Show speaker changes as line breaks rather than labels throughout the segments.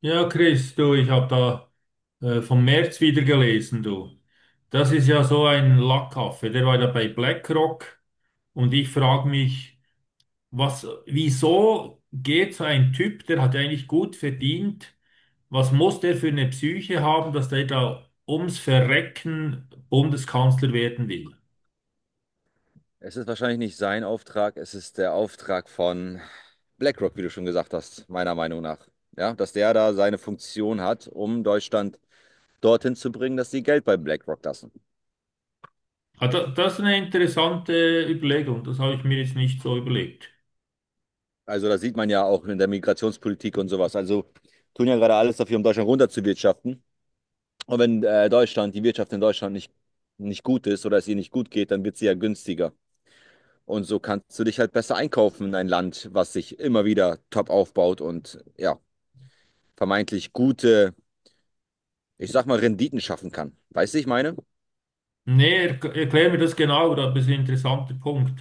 Ja, Chris, du, ich habe da vom März wieder gelesen, du. Das ist ja so ein Lackaffe, der war da bei BlackRock und ich frage mich, was, wieso geht so ein Typ, der hat ja eigentlich gut verdient, was muss der für eine Psyche haben, dass der da ums Verrecken Bundeskanzler werden will?
Es ist wahrscheinlich nicht sein Auftrag, es ist der Auftrag von BlackRock, wie du schon gesagt hast, meiner Meinung nach. Ja, dass der da seine Funktion hat, um Deutschland dorthin zu bringen, dass sie Geld bei BlackRock lassen.
Ah, das ist eine interessante Überlegung, das habe ich mir jetzt nicht so überlegt.
Also das sieht man ja auch in der Migrationspolitik und sowas. Also tun ja gerade alles dafür, um Deutschland runterzuwirtschaften. Und wenn Deutschland, die Wirtschaft in Deutschland nicht gut ist oder es ihr nicht gut geht, dann wird sie ja günstiger. Und so kannst du dich halt besser einkaufen in ein Land, was sich immer wieder top aufbaut und ja, vermeintlich gute, ich sag mal, Renditen schaffen kann. Weißt du, ich meine?
Nee, er, erklär mir das genau, aber das ist ein interessanter Punkt.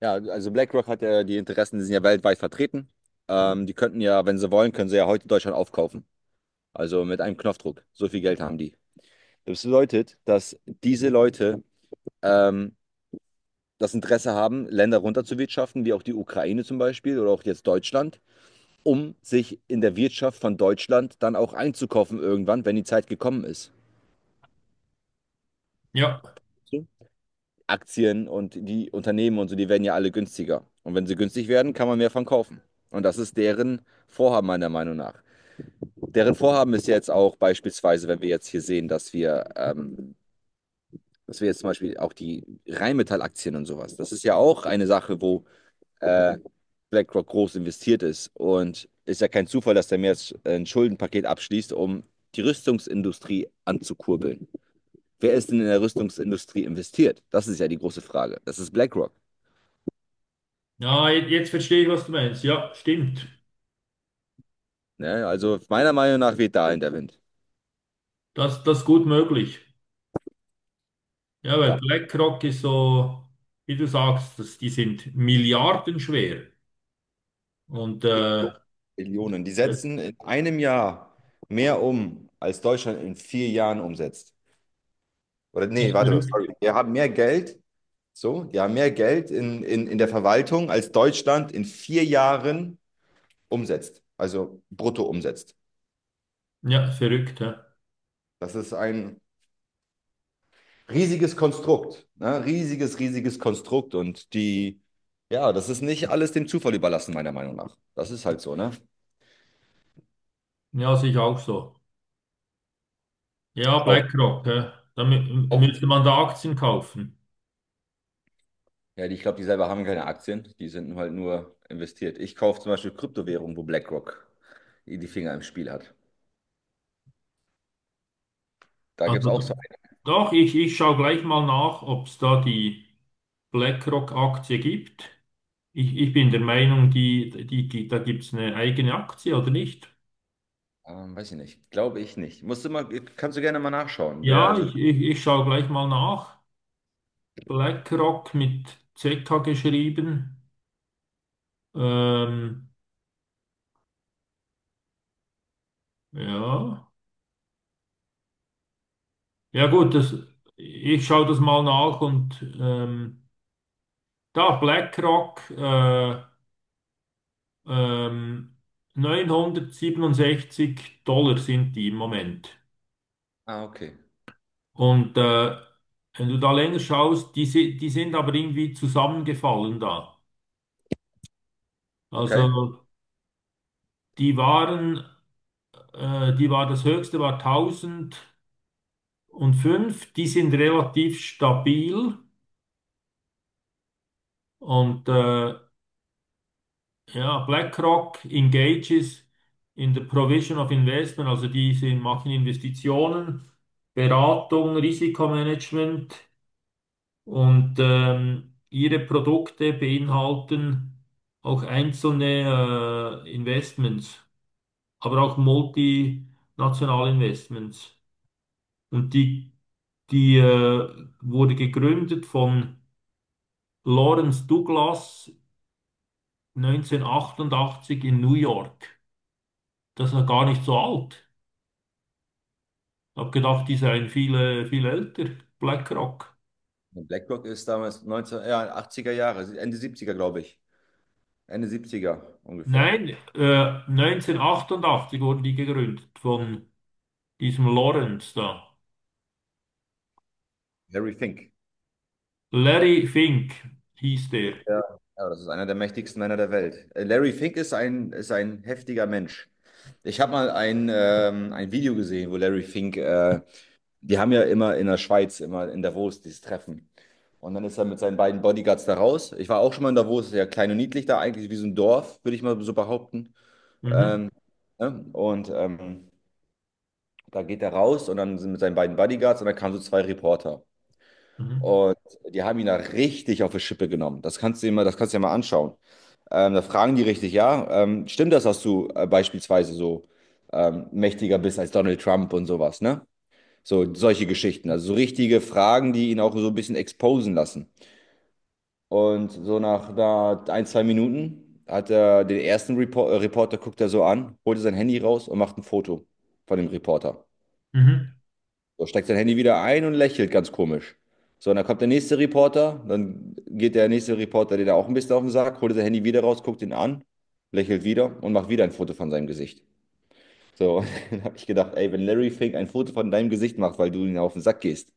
Ja, also BlackRock hat ja die Interessen, die sind ja weltweit vertreten. Die könnten ja, wenn sie wollen, können sie ja heute Deutschland aufkaufen. Also mit einem Knopfdruck. So viel Geld haben die. Das bedeutet, dass diese Leute ähm, das Interesse haben, Länder runterzuwirtschaften, wie auch die Ukraine zum Beispiel oder auch jetzt Deutschland, um sich in der Wirtschaft von Deutschland dann auch einzukaufen irgendwann, wenn die Zeit gekommen ist.
Ja.
So, Aktien und die Unternehmen und so, die werden ja alle günstiger. Und wenn sie günstig werden, kann man mehr von kaufen. Und das ist deren Vorhaben meiner Meinung nach. Deren Vorhaben ist jetzt auch beispielsweise, wenn wir jetzt hier sehen, dass wir jetzt zum Beispiel auch die Rheinmetall-Aktien und sowas, das ist ja auch eine Sache, wo äh, BlackRock groß investiert ist. Und ist ja kein Zufall, dass der mir jetzt ein Schuldenpaket abschließt, um die Rüstungsindustrie anzukurbeln. Wer ist denn in der Rüstungsindustrie investiert? Das ist ja die große Frage. Das ist BlackRock.
Ja, jetzt verstehe ich, was du meinst. Ja, stimmt.
Ne? Also meiner Meinung nach weht da in der Wind.
Das ist gut möglich. Ja, weil
Ja,
BlackRock ist so, wie du sagst, das, die sind milliardenschwer. Und
Millionen. Millionen. Die
das
setzen in einem Jahr mehr um, als Deutschland in vier Jahren umsetzt. Oder nee,
ist
warte mal,
verrückt.
sorry. Wir haben mehr Geld, so, die haben mehr Geld in der Verwaltung, als Deutschland in vier Jahren umsetzt. Also brutto umsetzt.
Ja, verrückt. Ja,
Das ist ein riesiges Konstrukt. Ne? Riesiges, riesiges Konstrukt. Und die, ja, das ist nicht alles dem Zufall überlassen, meiner Meinung nach. Das ist halt so, ne?
ja sehe ich auch so. Ja,
Auch,
BlackRock. Ja. Da
auch
müsste man da Aktien kaufen.
Ja, die, ich glaube, die selber haben keine Aktien, die sind halt nur investiert. Ich kaufe zum Beispiel Kryptowährungen, wo BlackRock die Finger im Spiel hat. Da gibt es
Also
auch so
doch, ich schaue gleich mal nach, ob es da die BlackRock-Aktie gibt. Ich bin der Meinung, da gibt es eine eigene Aktie oder nicht.
einen, weiß ich nicht, glaube ich nicht. Musst du mal, kannst du gerne mal nachschauen. Wer
Ja,
also,
ich schaue gleich mal nach. BlackRock mit ZK geschrieben. Ähm, ja. Ja gut, das, ich schaue das mal nach und da BlackRock ähm, $967 sind die im Moment.
ah, okay,
Und wenn du da länger schaust, die, die sind aber irgendwie zusammengefallen da. Also
okay.
die waren, die war das höchste war 1000 und fünf, die sind relativ stabil und ja, BlackRock engages in the provision of investment, also die sind, machen Investitionen, Beratung, Risikomanagement und ihre Produkte beinhalten auch einzelne Investments, aber auch multinationale Investments. Und die, die wurde gegründet von Lawrence Douglas 1988 in New York. Das ist noch gar nicht so alt. Ich habe gedacht, die seien viele, viel älter. BlackRock.
BlackRock ist damals 19, ja, 80er Jahre, Ende 70er, glaube ich. Ende 70er ungefähr.
Nein, 1988 wurden die gegründet von diesem Lawrence da.
Larry Fink.
Larry Fink hieß der.
Ja, ja, das ist einer der mächtigsten Männer der Welt. Larry Fink ist ein heftiger Mensch. Ich habe mal ein Video gesehen, wo Larry Fink die haben ja immer in der Schweiz, immer in Davos, dieses Treffen. Und dann ist er mit seinen beiden Bodyguards da raus. Ich war auch schon mal in Davos, ist ja klein und niedlich da, eigentlich wie so ein Dorf, würde ich mal so behaupten.
Mhm,
Ähm, ne? Und da geht er raus und dann sind mit seinen beiden Bodyguards und dann kamen so zwei Reporter.
mhm,
Und die haben ihn da richtig auf die Schippe genommen. Das kannst du dir mal anschauen. Da fragen die richtig, ja, stimmt das, dass du beispielsweise so mächtiger bist als Donald Trump und sowas, ne? So, solche Geschichten. Also so richtige Fragen, die ihn auch so ein bisschen exposen lassen. Und so nach da ein, zwei Minuten hat er den ersten Reporter, guckt er so an, holt sein Handy raus und macht ein Foto von dem Reporter.
mhm.
So, steckt sein Handy wieder ein und lächelt ganz komisch. So, und dann kommt der nächste Reporter, dann geht der nächste Reporter, den er auch ein bisschen auf den Sack, holt sein Handy wieder raus, guckt ihn an, lächelt wieder und macht wieder ein Foto von seinem Gesicht. So, dann habe ich gedacht, ey, wenn Larry Fink ein Foto von deinem Gesicht macht, weil du ihn auf den Sack gehst,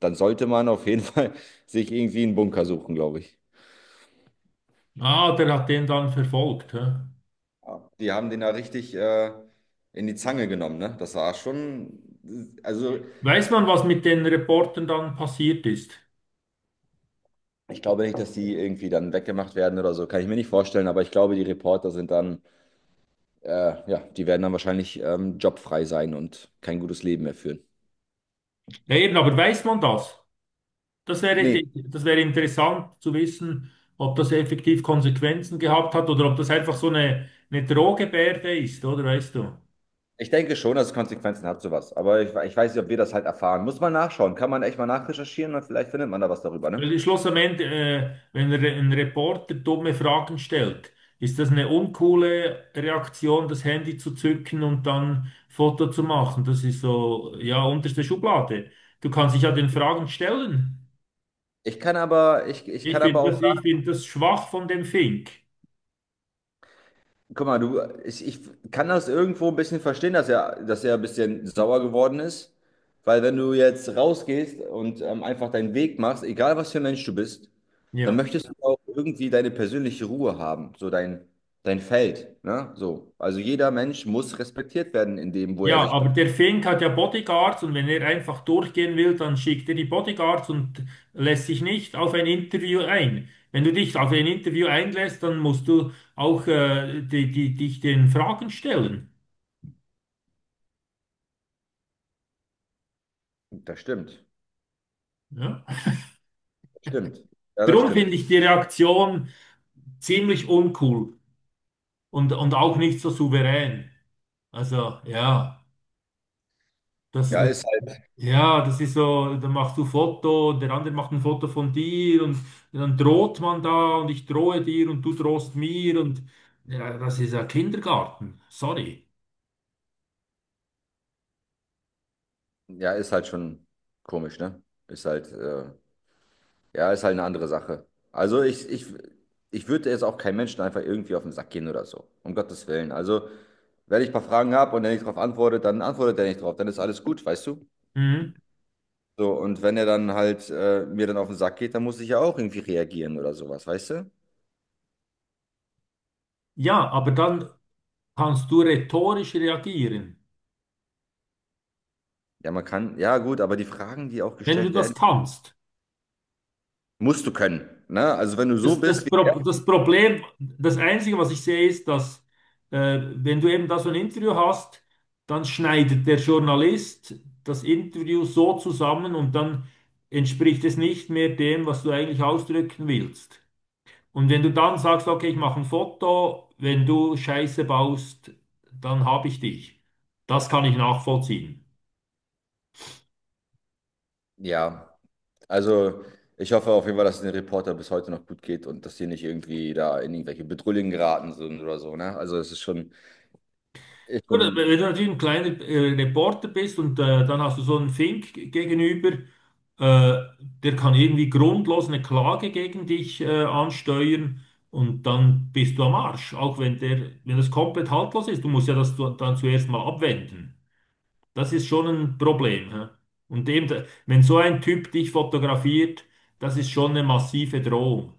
dann sollte man auf jeden Fall sich irgendwie einen Bunker suchen, glaube ich.
Ah, der hat den dann verfolgt. Hä?
Ja, die haben den da richtig in die Zange genommen, ne? Das war schon, also
Weiß man, was mit den Reportern dann passiert ist?
ich glaube nicht, dass die irgendwie dann weggemacht werden oder so, kann ich mir nicht vorstellen, aber ich glaube, die Reporter sind dann, ja, die werden dann wahrscheinlich jobfrei sein und kein gutes Leben mehr führen.
Ja, eben, aber weiß man das? Das wäre,
Nee,
das wäre interessant zu wissen, ob das effektiv Konsequenzen gehabt hat oder ob das einfach so eine Drohgebärde ist, oder weißt du?
ich denke schon, dass es Konsequenzen hat, sowas. Aber ich weiß nicht, ob wir das halt erfahren. Muss man nachschauen, kann man echt mal nachrecherchieren und vielleicht findet man da was darüber,
Weil
ne?
im Schluss am Ende, wenn ein Reporter dumme Fragen stellt, ist das eine uncoole Reaktion, das Handy zu zücken und dann Foto zu machen. Das ist so, ja, unterste Schublade. Du kannst dich ja den Fragen stellen.
Ich kann aber, ich
Ich
kann aber
finde das,
auch
ich finde das schwach von dem Fink.
Guck mal, du, ich kann das irgendwo ein bisschen verstehen, dass er ein bisschen sauer geworden ist. Weil wenn du jetzt rausgehst und einfach deinen Weg machst, egal was für ein Mensch du bist, dann
Ja.
möchtest du auch irgendwie deine persönliche Ruhe haben, so dein Feld, ne? So. Also jeder Mensch muss respektiert werden in dem, wo er
Ja,
sich
aber
bewegt.
der Fink hat ja Bodyguards und wenn er einfach durchgehen will, dann schickt er die Bodyguards und lässt sich nicht auf ein Interview ein. Wenn du dich auf ein Interview einlässt, dann musst du auch dich den Fragen stellen.
Das stimmt.
Ja?
Stimmt. Ja, das
Darum
stimmt.
finde ich die Reaktion ziemlich uncool und auch nicht so souverän. Also ja, das.
Ja, ist halt,
Ja, das ist so, da machst du Foto, und der andere macht ein Foto von dir und dann droht man da und ich drohe dir und du drohst mir und ja, das ist ja Kindergarten, sorry.
ja, ist halt schon komisch, ne? Ist halt äh, Ja, ist halt eine andere Sache. Also ich würde jetzt auch keinem Menschen einfach irgendwie auf den Sack gehen oder so. Um Gottes Willen. Also, wenn ich ein paar Fragen habe und er nicht drauf antwortet, dann antwortet er nicht drauf. Dann ist alles gut, weißt du?
Mhm.
So, und wenn er dann halt mir dann auf den Sack geht, dann muss ich ja auch irgendwie reagieren oder sowas, weißt du?
Ja, aber dann kannst du rhetorisch reagieren,
Ja, man kann, ja gut, aber die Fragen, die auch
wenn du
gestellt
das
werden,
kannst.
musst du können. Ne? Also wenn du so
Das,
bist
das,
wie er,
Pro das Problem, das Einzige, was ich sehe, ist, dass wenn du eben da so ein Interview hast, dann schneidet der Journalist das Interview so zusammen und dann entspricht es nicht mehr dem, was du eigentlich ausdrücken willst. Und wenn du dann sagst, okay, ich mache ein Foto, wenn du Scheiße baust, dann habe ich dich. Das kann ich nachvollziehen.
ja. Also, ich hoffe auf jeden Fall, dass es den Reporter bis heute noch gut geht und dass die nicht irgendwie da in irgendwelche Bedrullien geraten sind oder so, ne? Also, es ist
Gut, wenn
schon
du natürlich ein kleiner Reporter bist und dann hast du so einen Fink gegenüber, äh, der kann irgendwie grundlos eine Klage gegen dich ansteuern und dann bist du am Arsch, auch wenn der, wenn das komplett haltlos ist. Du musst ja das dann zuerst mal abwenden. Das ist schon ein Problem. Hä? Und eben, wenn so ein Typ dich fotografiert, das ist schon eine massive Drohung.